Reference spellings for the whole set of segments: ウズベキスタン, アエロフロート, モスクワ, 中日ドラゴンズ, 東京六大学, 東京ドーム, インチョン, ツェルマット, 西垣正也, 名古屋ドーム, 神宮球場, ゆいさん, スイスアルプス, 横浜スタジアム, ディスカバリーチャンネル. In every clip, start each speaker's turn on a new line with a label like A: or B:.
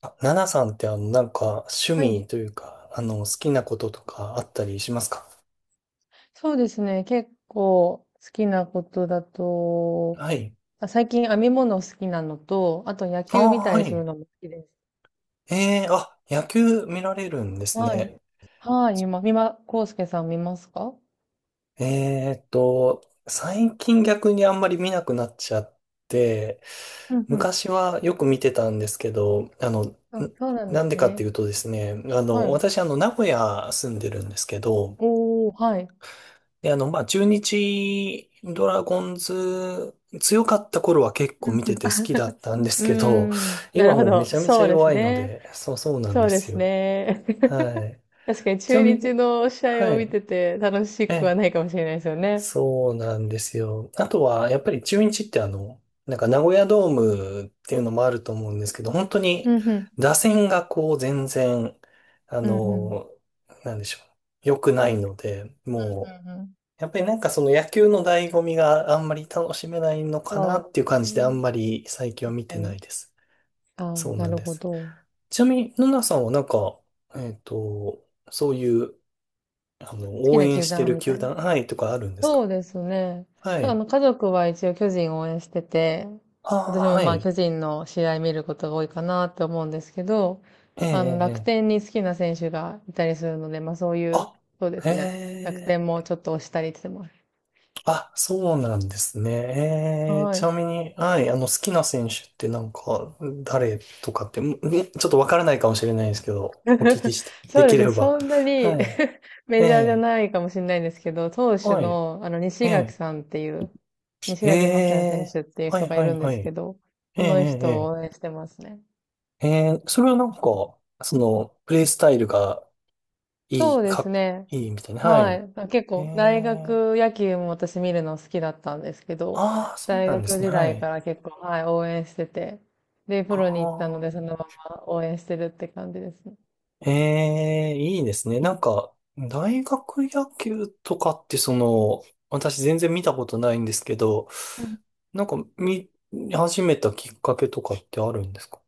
A: あ、ナナさんって趣
B: はい。
A: 味というか、好きなこととかあったりしますか？
B: そうですね。結構好きなことだと、
A: はい。
B: 最近編み物好きなのと、あと野
A: あ
B: 球み
A: あ、
B: たい
A: は
B: にする
A: い。
B: のも好きです。
A: えあ、野球見られるんです
B: はい。
A: ね。
B: はい。みま、みま、こうすけさん見ますか？
A: えーっと、最近逆にあんまり見なくなっちゃって、
B: うんうん。
A: 昔はよく見てたんですけど、
B: あ、そうなんで
A: なん
B: す
A: でかってい
B: ね。
A: うとですね、
B: はい。
A: 私名古屋住んでるんですけど、
B: おー、はい。
A: で、まあ、中日ドラゴンズ強かった頃は結
B: う
A: 構
B: ん
A: 見
B: う
A: て
B: ん。
A: て好
B: あ、
A: きだったんで す
B: うー
A: けど、
B: ん。なる
A: 今
B: ほ
A: もうめ
B: ど。
A: ちゃめちゃ
B: そうです
A: 弱いの
B: ね。
A: で、そうそうなん
B: そ
A: で
B: うで
A: す
B: す
A: よ。
B: ね。
A: はい。
B: 確かに
A: ちな
B: 中
A: み
B: 日
A: に、
B: の試
A: は
B: 合を見
A: い。
B: てて楽し
A: え
B: くは
A: え、
B: ないかもしれないですよね。
A: そうなんですよ。あとは、やっぱり中日って名古屋ドームっていうのもあると思うんですけど、本当
B: う
A: に
B: んうん。
A: 打線がこう全然、あ
B: うんうん。う
A: の、なんでしょう。良くないので、
B: ん
A: もう、
B: うん。
A: やっぱりなんかその野球の醍醐味があんまり楽しめないのかな
B: そ
A: っ
B: う
A: ていう
B: です
A: 感じであん
B: ね。
A: まり最近は
B: 確
A: 見
B: か
A: てな
B: に。
A: いです。
B: ああ、
A: そうな
B: な
A: ん
B: る
A: で
B: ほ
A: す。
B: ど。好
A: ちなみに、ナナさんはなんか、そういう、
B: き
A: 応
B: な
A: 援
B: 球
A: して
B: 団
A: る
B: みた
A: 球
B: いな。
A: 団、はい、とかあるんですか？
B: そうですね。
A: は
B: きょあ
A: い。
B: の、家族は一応巨人を応援してて、
A: ああ、
B: 私も
A: は
B: まあ
A: い。
B: 巨人の試合見ることが多いかなって思うんですけど、
A: ええ、
B: あの、
A: ええ。
B: 楽
A: ええ、
B: 天に好きな選手がいたりするので、まあそういう、
A: あ、
B: そうで
A: へ
B: すね。楽天
A: え。
B: もちょっと推したりしてます。
A: あ、そうなんですね。
B: は
A: ち
B: い。
A: なみに、はい、好きな選手ってなんか、誰とかって、ちょっとわからないかもしれないですけど、お聞き して、
B: そ
A: で
B: う
A: き
B: ですね。
A: れば。
B: そんなに
A: はい。え
B: メジャーじゃ
A: え、
B: ないかもしれないんですけど、投手
A: は
B: の、あの、
A: い。え
B: 西垣
A: え、
B: さんっていう、西
A: え
B: 垣正也選
A: え、
B: 手っていう
A: は
B: 人
A: い、
B: がい
A: は
B: る
A: い、
B: んで
A: はい。
B: すけ
A: え
B: ど、
A: え、
B: その人を
A: え
B: 応
A: え、
B: 援してますね。
A: ええ、それはなんか、その、プレイスタイルがい
B: そ
A: い、
B: うで
A: か
B: す
A: っ、
B: ね。
A: いいみたいな。は
B: は
A: い。
B: い。まあ結
A: え
B: 構、大
A: え、
B: 学野球も私見るの好きだったんですけど、
A: ああ、そう
B: 大
A: なんで
B: 学
A: すね。
B: 時
A: は
B: 代か
A: い。
B: ら結構、はい、応援してて、で、
A: あ
B: プロに行ったので、
A: あ。
B: そのまま応援してるって感じですね。
A: ええ、いいですね。なんか、大学野球とかってその、私全然見たことないんですけど、なんか見始めたきっかけとかってあるんですか？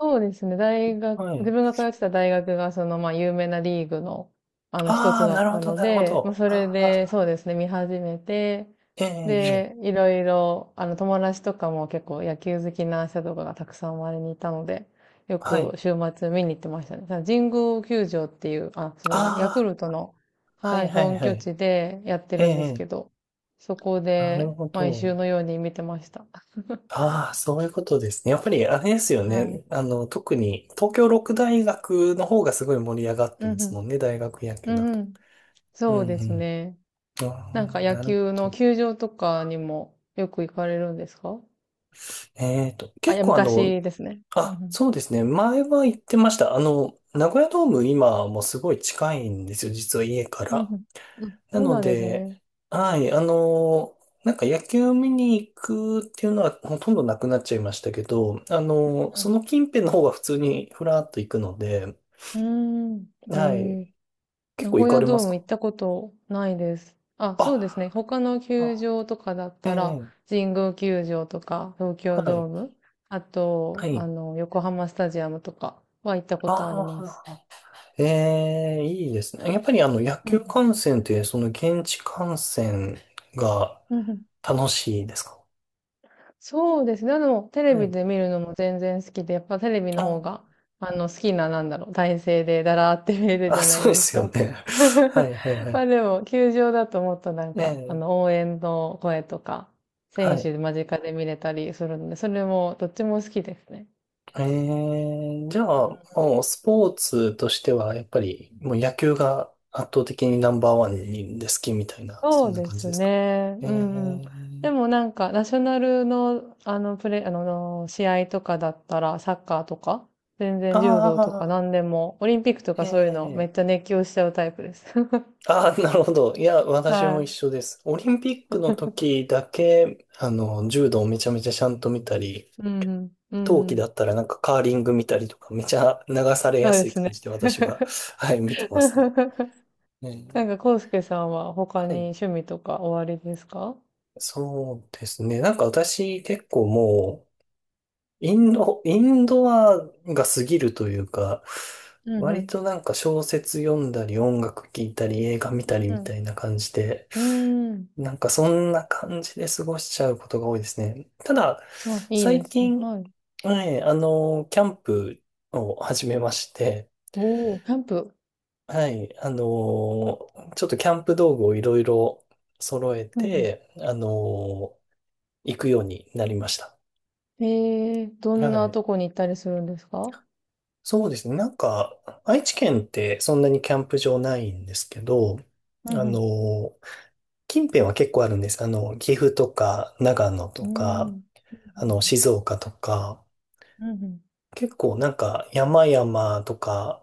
B: そうですね。大学、
A: は
B: 自
A: い。
B: 分が通ってた大学が、その、まあ、有名なリーグの、あの、一
A: あ
B: つ
A: あ、
B: だ
A: なる
B: っ
A: ほ
B: た
A: ど、
B: の
A: なるほ
B: で、まあ、
A: ど。
B: それ
A: あ
B: で、
A: あ、
B: そうですね、見始めて、
A: ええ、ええ、
B: で、いろいろ、あの、友達とかも結構野球好きな人とかがたくさん周りにいたので、よ
A: は
B: く
A: い。
B: 週末見に行ってましたね。ただ神宮球場っていう、あ、そうですね、ヤク
A: あ
B: ルトの、
A: あ、は
B: は
A: い、
B: い、
A: はい、
B: 本
A: は
B: 拠
A: い。
B: 地でやって
A: ええ、
B: るんです
A: ええ、
B: けど、そこ
A: なる
B: で、
A: ほ
B: 毎
A: ど。
B: 週のように見てました。
A: ああ、そういうことですね。やっぱりあれですよ
B: はい。
A: ね。特に東京六大学の方がすごい盛り上がって
B: う
A: ま
B: んう
A: す
B: ん。
A: もんね、大学野
B: う
A: 球だ
B: ん
A: と。
B: うん。
A: うん、
B: そうです
A: う
B: ね。
A: ん。
B: な
A: あ
B: んか野
A: なるほ
B: 球の
A: ど。
B: 球場とかにもよく行かれるんですか？
A: えっと、
B: あ、い
A: 結
B: や、
A: 構あの、
B: 昔ですね。う
A: あ、
B: ん
A: そうですね。前は行ってました。名古屋ドーム今もすごい近いんですよ。実は家か
B: うん。う
A: ら。
B: んうん。あ、
A: な
B: そう
A: の
B: なんです
A: で、
B: ね。
A: はい、なんか野球見に行くっていうのはほとんどなくなっちゃいましたけど、その近辺の方が普通にふらっと行くので、
B: うん。うー
A: は
B: ん。
A: い。
B: へえ。
A: 結
B: 名
A: 構行
B: 古
A: か
B: 屋
A: れま
B: ドー
A: す
B: ム
A: か？
B: 行ったことないです。あ、そうですね。他の球
A: あ、
B: 場とかだっ
A: あ、
B: たら、
A: ええ、
B: 神宮球場とか、東
A: は
B: 京ド
A: い。
B: ーム、あ
A: は
B: と、あ
A: い。
B: の、横浜スタジアムとかは行ったことありま
A: あ
B: す。
A: あ、ええ、いいですね。やっぱりあの野
B: う
A: 球
B: ん。
A: 観戦って、その現地観戦が
B: うんうん。
A: 楽しいですか？
B: そうですね。でも、テレ
A: は
B: ビ
A: い。
B: で見るのも全然好きで、やっぱテレビの
A: あ、
B: 方が、あの、好きな、なんだろう、体勢でだらーって見れるじ
A: あ、
B: ゃな
A: そ
B: い
A: うで
B: です
A: すよ
B: か。
A: ね。はい はいは
B: ま
A: い。
B: あでも、球場だともっとなん
A: え
B: か、あ
A: え、
B: の、応援の声とか、
A: は
B: 選
A: い。
B: 手間近で見れたりするので、それも、どっちも好きですね。
A: ええ、じゃあ、もうスポーツとしては、やっぱりもう野球が圧倒的にナンバーワンにで好きみたいな、そ
B: そ
A: ん
B: う
A: な
B: で
A: 感じ
B: す
A: ですか？
B: ね。
A: え
B: うんうん。で
A: え、
B: もなんか、ナショナルの、あの、試合とかだったら、サッカーとか、全
A: あ
B: 然柔道とか
A: あ、
B: 何でも、オリンピックとかそういうの、め
A: え
B: っ
A: え、
B: ちゃ熱狂しちゃうタイプです。
A: ああ、なるほど。いや、私も一
B: は
A: 緒です。オリンピックの時だけ、柔道をめちゃめちゃちゃんと見たり、
B: い。うんうん。う
A: 冬
B: んう
A: 季
B: ん。
A: だったらなんかカーリング見たりとか、めちゃ流され
B: そう
A: や
B: で
A: すい
B: す
A: 感
B: ね。
A: じで私は、はい、見てますね。
B: なん
A: ね。
B: か、コウスケさんは他
A: は
B: に
A: い。
B: 趣味とかおありですか？
A: そうですね。なんか私結構もう、インドアが過ぎるというか、
B: うんう
A: 割
B: ん。
A: となんか小説読んだり音楽聴いたり映画見
B: う
A: たりみた
B: ん
A: いな感じで、
B: うん。うーん。
A: なんかそんな感じで過ごしちゃうことが多いですね。ただ、
B: あ、いい
A: 最
B: ですね。
A: 近、
B: はい。
A: はい、キャンプを始めまして、
B: おー、キャンプ。
A: はい、ちょっとキャンプ道具をいろいろ揃え
B: うんうん。
A: て、行くようになりました。
B: ええ、どん
A: は
B: な
A: い。
B: とこに行ったりするんですか？
A: そうですね。なんか、愛知県ってそんなにキャンプ場ないんですけど、
B: う
A: あ
B: んうん。
A: の、近辺は結構あるんです。岐阜とか、長野
B: う
A: と
B: ーん。
A: か、
B: うん
A: 静岡とか、
B: うん。うんうん。
A: 結構なんか山々とか、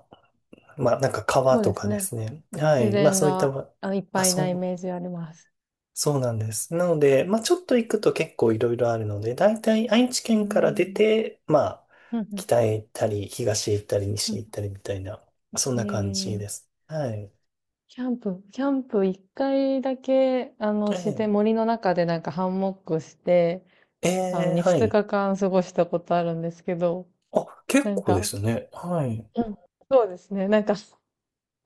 A: まあなんか川
B: そう
A: と
B: で
A: か
B: す
A: で
B: ね。
A: すね。は
B: 自
A: い。まあ
B: 然
A: そういった、
B: が、あ、いっぱいなイメージあります。
A: そうなんです。なので、まあ、ちょっと行くと結構いろいろあるので、大体愛知
B: う
A: 県から出
B: ん。
A: て、まあ、
B: うんうん。う
A: 北へ行ったり、東へ行ったり、
B: ん
A: 西へ
B: う
A: 行ったりみたいな、そん
B: ん。え
A: な感じ
B: え、
A: です。はい。
B: キャンプ1回だけ、あの、自
A: え
B: 然森の中でなんかハンモックして、
A: え、
B: あの、に
A: は
B: 2
A: い。
B: 日間過ごしたことあるんですけど、
A: あ、
B: な
A: 結
B: ん
A: 構で
B: か、
A: すね。はい。
B: うん、そうですね、なんか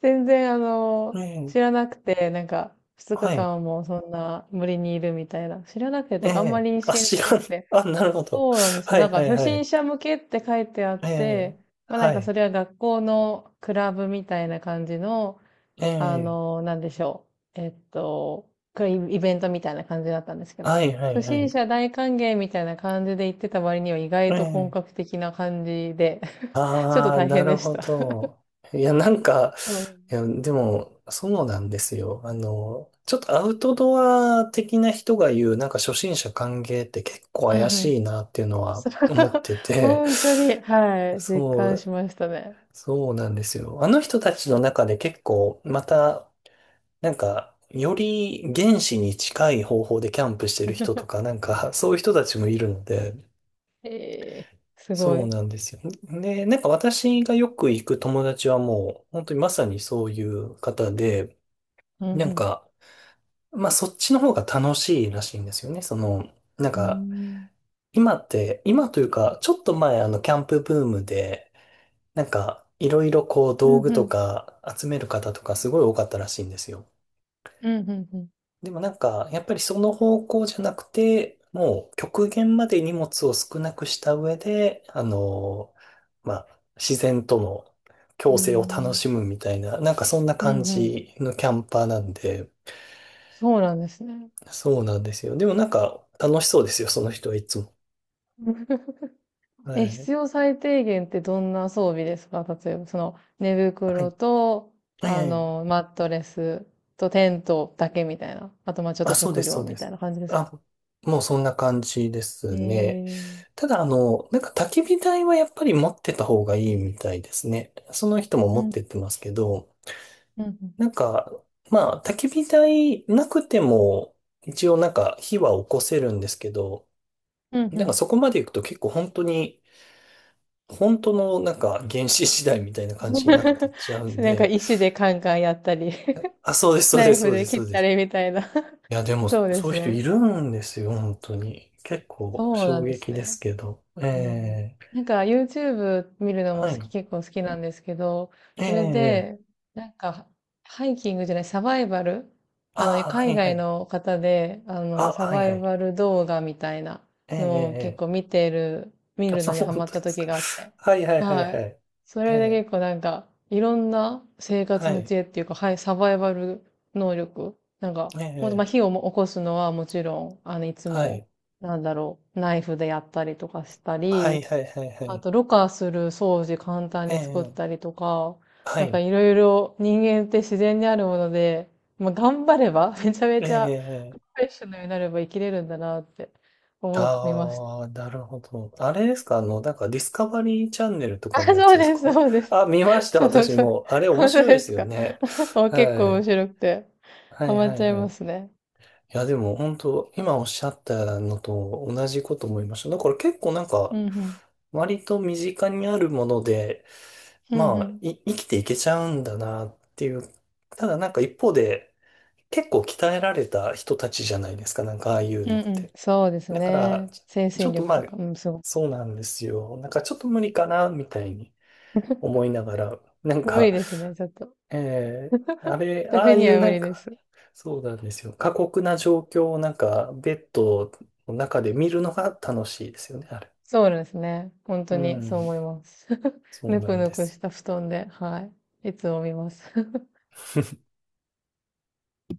B: 全然、あ
A: え
B: の、
A: え、
B: 知らなくて、なんか、2
A: はい。
B: 日間もそんな森にいるみたいな。知らなくて、
A: え
B: てかあんま
A: え、
B: り認
A: あ、
B: 識
A: 知
B: し
A: ら
B: てな
A: ん。
B: くて。
A: あ、なるほど。
B: そうなんですよ。
A: は
B: な
A: い、
B: ん
A: は
B: か、
A: い、
B: 初
A: は
B: 心
A: い。
B: 者向けって書いてあっ
A: ええ、
B: て、まあな
A: は
B: んか、
A: い。
B: それは学校のクラブみたいな感じの、
A: え
B: あ
A: え、
B: の、なんでしょう。クイイベントみたいな感じだったんですけど。
A: はい、はい、
B: 初
A: は
B: 心
A: い。
B: 者大歓迎みたいな感じで行ってた割には意外
A: え
B: と本
A: え、
B: 格的な感じで、ちょっと
A: ああ、
B: 大
A: な
B: 変
A: る
B: でし
A: ほ
B: た。
A: ど。いや、なんか、
B: うん。
A: いや、でも、そうなんですよ。ちょっとアウトドア的な人が言う、なんか初心者歓迎って結構
B: う
A: 怪
B: んう
A: し
B: ん。
A: いなっていうのは
B: そう、
A: 思って て、
B: 本当に、はい、実
A: そ
B: 感し
A: う、
B: ましたね。
A: そうなんですよ。あの人たちの中で結構、また、なんか、より原始に近い方法でキャンプしてる人と か、なんか、そういう人たちもいるので、
B: ええ、すご
A: そう
B: い。
A: なんですよ。で、なんか私がよく行く友達はもう、本当にまさにそういう方で、
B: うん
A: な
B: う
A: ん
B: ん。
A: か、まあ、そっちの方が楽しいらしいんですよね。その、なん
B: うー
A: か、
B: ん。
A: 今って、今というか、ちょっと前、キャンプブームで、なんか、いろいろこう、
B: うん
A: 道具
B: う
A: と
B: ん。
A: か集める方とかすごい多かったらしいんですよ。
B: うんうんう
A: でもなんか、やっぱりその方向じゃなくて、もう極限まで荷物を少なくした上で、まあ、自然との
B: ん。
A: 共生を
B: へ
A: 楽
B: え。
A: しむみたいな、なんかそんな
B: うんう
A: 感
B: んうんうん。
A: じのキャンパーなんで、
B: そうなんですね。
A: そうなんですよ。でもなんか楽しそうですよ、その人はいつも。は
B: え、
A: い。
B: 必要最低限ってどんな装備ですか？例えば、その、寝
A: は
B: 袋
A: い。
B: と、
A: え
B: あ
A: え。
B: の、マットレスとテントだけみたいな。あと、まあちょっと
A: あ、そうで
B: 食
A: す、そ
B: 料
A: う
B: み
A: で
B: たい
A: す。
B: な感じですか？
A: あ、もうそんな感じで
B: え
A: すね。
B: ー。
A: ただ、なんか焚き火台はやっぱり持ってた方がいいみたいですね。その人も持ってってますけど、
B: うん、うん、
A: なんか、まあ、焚き火台なくても、一応なんか火は起こせるんですけど、
B: うん、う
A: なんか
B: ん。
A: そこまで行くと結構本当に、本当のなんか原始時代みたいな感じになってっちゃう ん
B: なんか
A: で、
B: 石でカンカンやったり、
A: あ、そうです、そう
B: ナ
A: で
B: イ
A: す、
B: フ
A: そうで
B: で
A: す、そ
B: 切
A: う
B: っ
A: で
B: た
A: す。
B: りみたいな。
A: いや、で も、
B: そうで
A: そう
B: す
A: いう人い
B: ね。
A: るんですよ、本当に。結構、
B: そうな
A: 衝
B: んです
A: 撃です
B: ね。
A: けど。え
B: えー、
A: え、
B: なんか YouTube 見るのも
A: は
B: 好
A: い。
B: き、結構好きなんですけど、それ
A: ええ、
B: で、なんか、ハイキングじゃない、サバイバル、あの、
A: ああ、は
B: 海
A: いは
B: 外
A: い。
B: の方で、あ
A: あ、
B: の、サ
A: はい
B: バ
A: は
B: イ
A: い。
B: バル動画みたいな
A: ええ、ええ、
B: のを結
A: え
B: 構
A: え、
B: 見てる、見 るの
A: あ、
B: にハ
A: 本当
B: マっ
A: で
B: た
A: す
B: 時
A: か？
B: があって。
A: はいはいはい
B: は
A: は
B: い。
A: い。
B: そ
A: え
B: れで結構
A: え、
B: なんか、いろんな生活
A: は
B: の
A: い。
B: 知恵っていうか、はい、サバイバル能力。なんか、もっとまあ
A: ええ、
B: 火をも起こすのはもちろん、あの、いつ
A: はい。
B: もなんだろう、ナイフでやったりとかした
A: はい
B: り、
A: はいはいは
B: あ
A: い。
B: と、ろ過する掃除簡単
A: え
B: に作った
A: え、
B: りとか、
A: は
B: なんか
A: い。
B: いろいろ人間って自然にあるもので、まあ、頑張れば、めちゃめ
A: え
B: ちゃプロ
A: え、ええ、
B: フェッショナルになれば生きれるんだなって思いました。
A: ああ、なるほど。あれですか？なんかディスカバリーチャンネルと
B: あ、
A: かのやつ
B: そう
A: です
B: です、
A: か？
B: そうです。
A: あ、見ました、
B: そう
A: 私
B: そう。
A: も。あれ面
B: 本当
A: 白いで
B: で
A: す
B: す
A: よ
B: か。
A: ね。
B: あ、結
A: は
B: 構面
A: い。
B: 白くて、
A: は
B: ハ
A: い
B: マっ
A: はい
B: ちゃい
A: はい。
B: ま
A: い
B: すね。
A: や、でも本当、今おっしゃったのと同じこと思いました。だから結構なん
B: う
A: か、
B: んうん。
A: 割と身近にあるもので、
B: うん
A: ま
B: う
A: あ、
B: ん。
A: 生きていけちゃうんだなっていう。ただなんか一方で、結構鍛えられた人たちじゃないですか、なんかああいう
B: う
A: の
B: ん
A: っ
B: うん。
A: て。
B: そうです
A: だから、
B: ね。
A: ち
B: 精
A: ちょ
B: 神
A: っと
B: 力
A: ま
B: と
A: あ、
B: か、うん、すごい。
A: そうなんですよ。なんかちょっと無理かな、みたいに 思いながら、なん
B: 無
A: か、
B: 理ですね、ちょっと。
A: あれ、ああ
B: 私
A: い
B: に
A: う
B: は
A: な
B: 無
A: ん
B: 理で
A: か、
B: す。
A: そうなんですよ。過酷な状況をなんか、ベッドの中で見るのが楽しいですよね、あれ。
B: そうですね。本
A: う
B: 当に
A: ん、
B: そう思います。
A: そう
B: ぬ
A: な
B: く
A: ん
B: ぬ
A: で
B: く
A: すよ。
B: した布団で、はい。いつも見ます。